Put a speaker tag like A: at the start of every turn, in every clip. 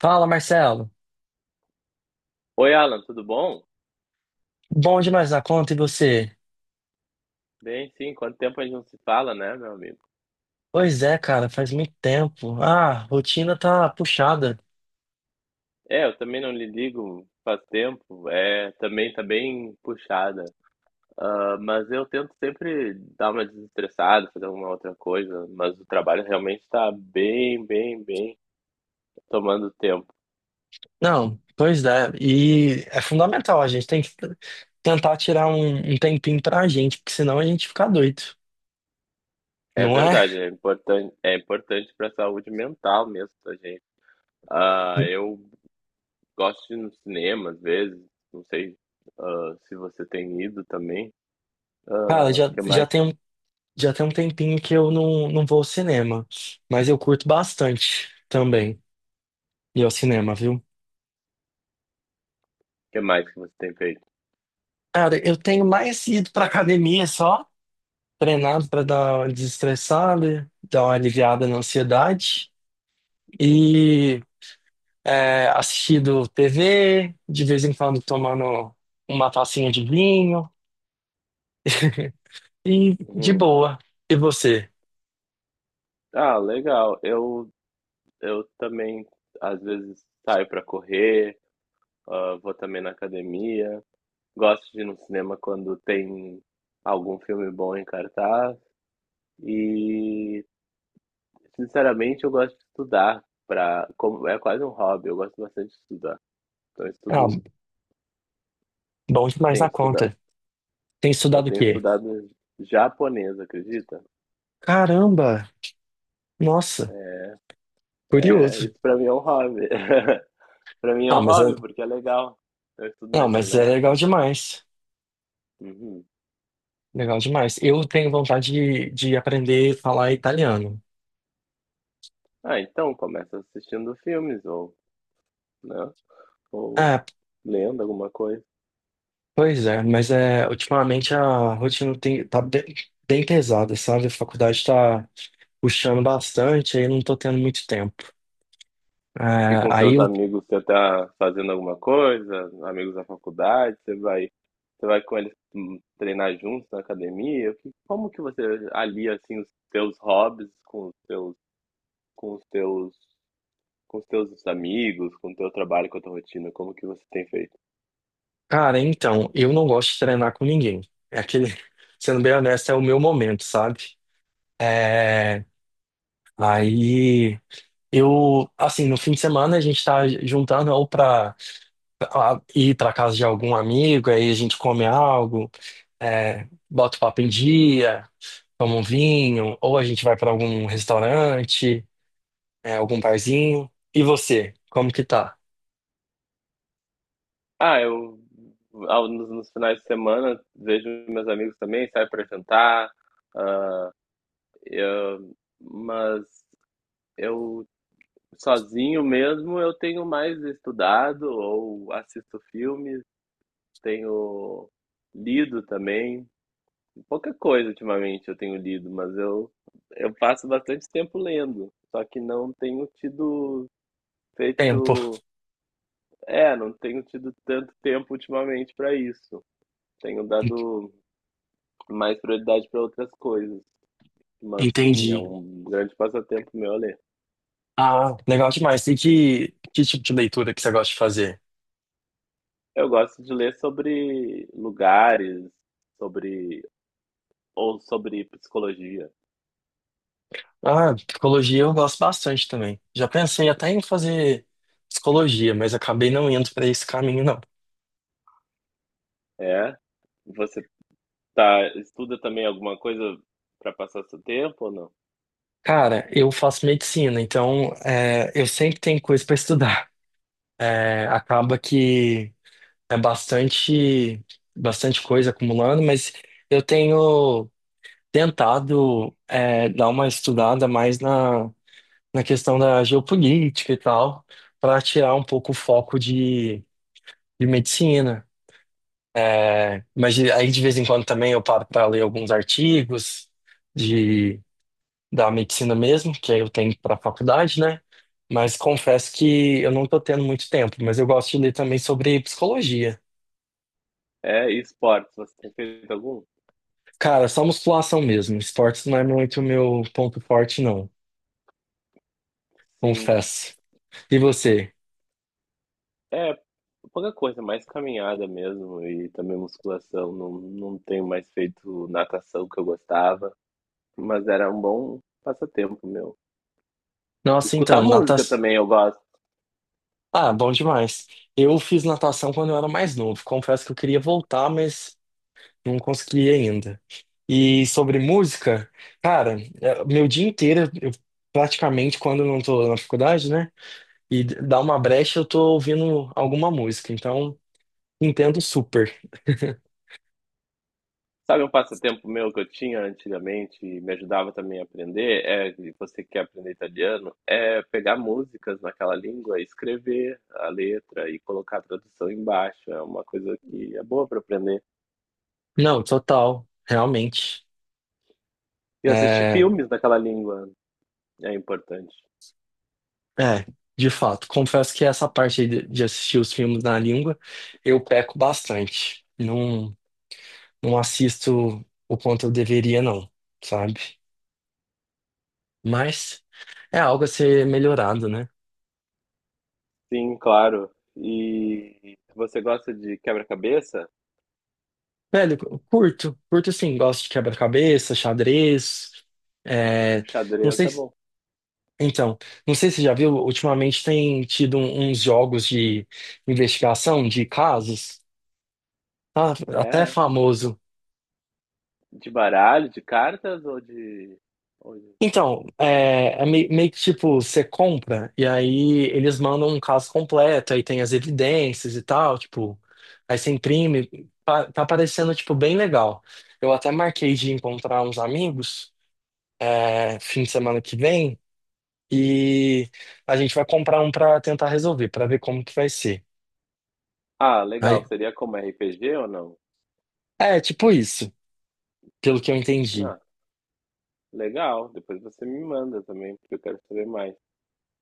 A: Fala, Marcelo.
B: Oi, Alan, tudo bom?
A: Bom demais na conta, e você?
B: Bem, sim, quanto tempo a gente não se fala, né, meu amigo?
A: Pois é, cara, faz muito tempo. Rotina tá puxada.
B: É, eu também não lhe ligo faz tempo, é, também tá bem puxada. Ah, mas eu tento sempre dar uma desestressada, fazer alguma outra coisa, mas o trabalho realmente tá bem tomando tempo.
A: Não, pois é. E é fundamental, a gente tem que tentar tirar um tempinho pra gente, porque senão a gente fica doido,
B: É
A: não é?
B: verdade, é importante para a saúde mental mesmo da gente. Ah, eu gosto de ir no cinema às vezes, não sei, ah, se você tem ido também.
A: Cara,
B: Ah, o que
A: já
B: mais?
A: tem, já tem um tempinho que eu não vou ao cinema, mas eu curto bastante também ir ao cinema, viu?
B: Que mais que você tem feito?
A: Cara, eu tenho mais ido pra academia só. Treinado para dar uma desestressada, dar uma aliviada na ansiedade e assistido TV, de vez em quando tomando uma tacinha de vinho e de
B: Uhum.
A: boa. E você?
B: Ah, legal. Eu também, às vezes, saio para correr, ah, vou também na academia. Gosto de ir no cinema quando tem algum filme bom em cartaz. E, sinceramente, eu gosto de estudar. Pra, como, é quase um hobby, eu gosto bastante de estudar. Então, eu
A: Ah,
B: estudo,
A: bom demais
B: tenho
A: na
B: estudado.
A: conta. Tem
B: Eu
A: estudado o
B: tenho
A: quê?
B: estudado japonês, acredita?
A: Caramba! Nossa,
B: É,
A: curioso.
B: isso para mim é um hobby. Pra mim é
A: Ah,
B: um
A: mas é,
B: hobby, porque é legal. Eu estudo na
A: não, mas é
B: internet,
A: legal
B: então.
A: demais.
B: Uhum.
A: Legal demais. Eu tenho vontade de aprender a falar italiano.
B: Ah, então começa assistindo filmes ou, né? Ou
A: É,
B: lendo alguma coisa.
A: pois é, mas é, ultimamente a rotina tem, tá bem, bem pesada, sabe? A faculdade tá puxando bastante, aí eu não tô tendo muito tempo. É,
B: E com
A: aí,
B: seus
A: eu-
B: amigos você tá fazendo alguma coisa, amigos da faculdade, você vai com eles treinar juntos na academia. Como que você alia assim os seus hobbies com os seus, com os teus, com os teus amigos, com o teu trabalho, com a tua rotina? Como que você tem feito?
A: cara, então, eu não gosto de treinar com ninguém. É aquele, sendo bem honesto, é o meu momento, sabe? É, aí eu, assim, no fim de semana a gente tá juntando ou pra ir pra casa de algum amigo, aí a gente come algo, bota o papo em dia. Toma um vinho, ou a gente vai para algum restaurante, algum barzinho. E você, como que tá?
B: Ah, eu nos finais de semana vejo meus amigos também, saio para jantar, eu- mas eu sozinho mesmo eu tenho mais estudado ou assisto filmes, tenho lido também, pouca coisa ultimamente eu tenho lido, mas eu passo bastante tempo lendo, só que não tenho tido
A: Tempo.
B: feito, é, não tenho tido tanto tempo ultimamente para isso. Tenho
A: En-
B: dado mais prioridade para outras coisas. Mas sim, é
A: Entendi.
B: um grande passatempo meu ler.
A: Ah, legal demais. E que tipo de leitura que você gosta de fazer?
B: Eu gosto de ler sobre lugares, sobre ou sobre psicologia.
A: Ah, psicologia eu gosto bastante também. Já pensei até em fazer psicologia, mas acabei não indo para esse caminho, não.
B: É? Você tá estuda também alguma coisa para passar seu tempo ou não?
A: Cara, eu faço medicina, então é, eu sempre tenho coisa para estudar. É, acaba que é bastante, bastante coisa acumulando, mas eu tenho tentado dar uma estudada mais na questão da geopolítica e tal, para tirar um pouco o foco de medicina. É, mas aí de vez em quando também eu paro para ler alguns artigos da medicina mesmo, que aí eu tenho para faculdade, né? Mas confesso que eu não tô tendo muito tempo, mas eu gosto de ler também sobre psicologia.
B: É, e esportes, você tem feito algum?
A: Cara, só musculação mesmo. Esportes não é muito meu ponto forte, não.
B: Sim.
A: Confesso. E você?
B: É, pouca coisa, mais caminhada mesmo e também musculação. Não tenho mais feito natação que eu gostava, mas era um bom passatempo meu.
A: Nossa,
B: Escutar
A: então,
B: música
A: natação.
B: também eu gosto.
A: Ah, bom demais. Eu fiz natação quando eu era mais novo. Confesso que eu queria voltar, mas não consegui ainda. E sobre música, cara, é, meu dia inteiro, eu praticamente, quando eu não tô na faculdade, né? E dá uma brecha, eu tô ouvindo alguma música, então entendo super.
B: Sabe um passatempo meu que eu tinha antigamente e me ajudava também a aprender, é, e você que quer aprender italiano, é pegar músicas naquela língua, escrever a letra e colocar a tradução embaixo. É uma coisa que é boa para aprender.
A: Não, total, realmente.
B: E assistir
A: É,
B: filmes naquela língua é importante.
A: é, de fato, confesso que essa parte aí de assistir os filmes na língua, eu peco bastante. Não, não assisto o quanto eu deveria, não, sabe? Mas é algo a ser melhorado, né?
B: Sim, claro. E você gosta de quebra-cabeça?
A: Velho, curto, curto sim, gosto de quebra-cabeça, xadrez. É, não
B: Xadrez
A: sei,
B: é bom.
A: então, não sei se você já viu, ultimamente tem tido uns jogos de investigação de casos, tá? Até
B: É,
A: famoso.
B: de baralho, de cartas ou de... ou de-
A: Então, é, é meio, que tipo, você compra e aí eles mandam um caso completo, aí tem as evidências e tal, tipo, aí você imprime, tá, parecendo, tipo, bem legal. Eu até marquei de encontrar uns amigos, é, fim de semana que vem, e a gente vai comprar um pra tentar resolver, pra ver como que vai ser.
B: Ah, legal.
A: Aí,
B: Seria como RPG ou não?
A: é, tipo isso. Pelo que eu entendi.
B: Ah, legal, depois você me manda também, porque eu quero saber mais.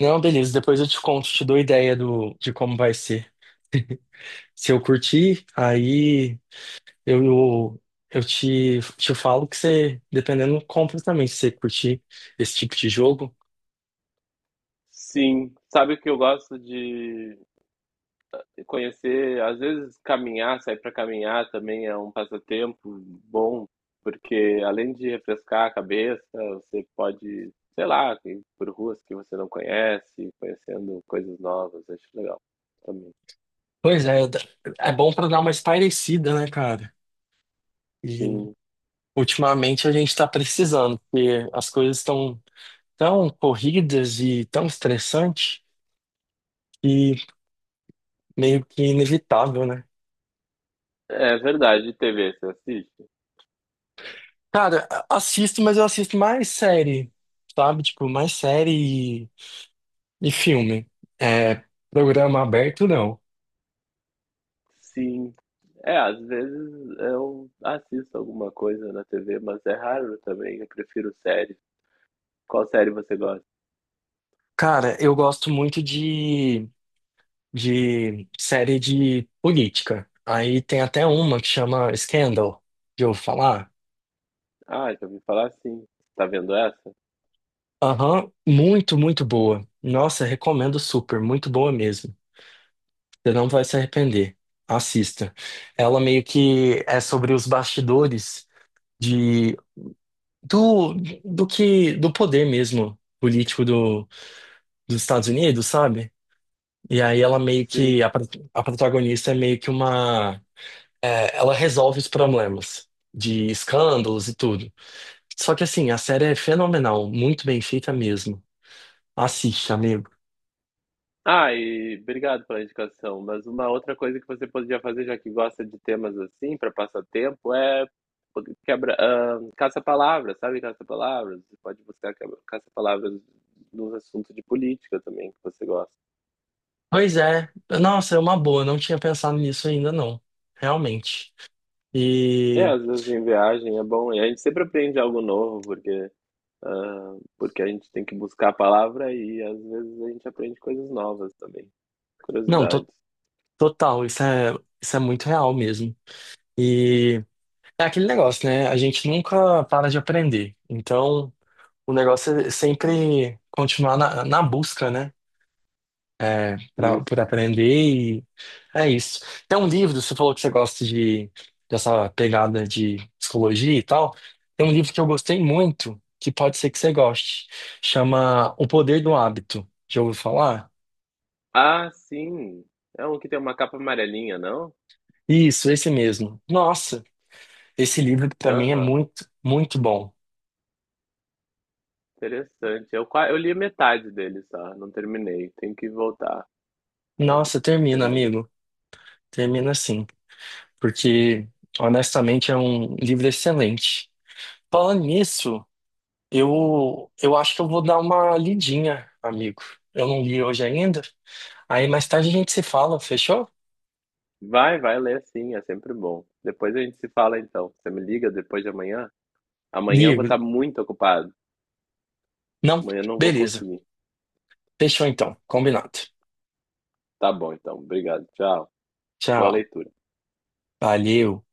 A: Não, beleza, depois eu te conto, te dou ideia de como vai ser. Se eu curtir, aí eu, eu, eu te falo que você, dependendo, compra também, se você curtir esse tipo de jogo.
B: Sim, sabe o que eu gosto de conhecer? Às vezes caminhar, sair para caminhar também é um passatempo bom, porque além de refrescar a cabeça, você pode, sei lá, ir por ruas que você não conhece, conhecendo coisas novas, acho legal também.
A: Pois é, é bom pra dar uma espairecida, né, cara? E
B: Sim,
A: ultimamente a gente tá precisando, porque as coisas estão tão tão corridas e tão estressantes e meio que inevitável, né?
B: é verdade, TV, você assiste?
A: Cara, assisto, mas eu assisto mais série, sabe? Tipo, mais série e filme. É, programa aberto, não.
B: Sim. É, às vezes eu assisto alguma coisa na TV, mas é raro também. Eu prefiro série. Qual série você gosta?
A: Cara, eu gosto muito de série de política. Aí tem até uma que chama Scandal, de eu falar.
B: Ah, já ouvi falar sim. Tá vendo essa?
A: Aham, muito, muito boa. Nossa, recomendo super, muito boa mesmo. Você não vai se arrepender. Assista. Ela meio que é sobre os bastidores do, do que do poder mesmo político dos Estados Unidos, sabe? E aí ela meio que
B: Sim.
A: a, a protagonista é meio que uma é, ela resolve os problemas de escândalos e tudo. Só que assim, a série é fenomenal, muito bem feita mesmo. Assiste, amigo.
B: Ah, e obrigado pela indicação. Mas uma outra coisa que você poderia fazer, já que gosta de temas assim, para passar tempo, é quebra, ah, caça-palavras, sabe? Caça-palavras. Você pode buscar caça-palavras nos assuntos de política também que você gosta.
A: Pois é, nossa, é uma boa, não tinha pensado nisso ainda não, realmente.
B: É,
A: E
B: às vezes em viagem é bom, e a gente sempre aprende algo novo, porque, ah, porque a gente tem que buscar a palavra e às vezes a gente aprende coisas novas também,
A: não,
B: curiosidades.
A: total, isso é muito real mesmo. E é aquele negócio, né? A gente nunca para de aprender. Então, o negócio é sempre continuar na busca, né? É, pra,
B: Isso.
A: por aprender e é isso. Tem um livro, você falou que você gosta dessa pegada de psicologia e tal. Tem um livro que eu gostei muito, que pode ser que você goste. Chama O Poder do Hábito. Já ouviu falar?
B: Ah, sim! É um que tem uma capa amarelinha, não?
A: Isso, esse mesmo. Nossa, esse livro pra mim é
B: Aham,
A: muito, muito bom.
B: interessante. Eu, eu li metade dele só, não terminei, tenho que voltar a
A: Nossa, termina,
B: terminar.
A: amigo. Termina assim. Porque honestamente é um livro excelente. Falando nisso, eu acho que eu vou dar uma lidinha, amigo. Eu não li hoje ainda. Aí mais tarde a gente se fala, fechou?
B: Vai, vai ler sim, é sempre bom. Depois a gente se fala então. Você me liga depois de amanhã? Amanhã eu vou
A: Ligo.
B: estar muito ocupado,
A: Não?
B: amanhã eu não vou
A: Beleza.
B: conseguir.
A: Fechou então. Combinado.
B: Tá bom, então. Obrigado. Tchau. Boa
A: Tchau.
B: leitura.
A: Valeu.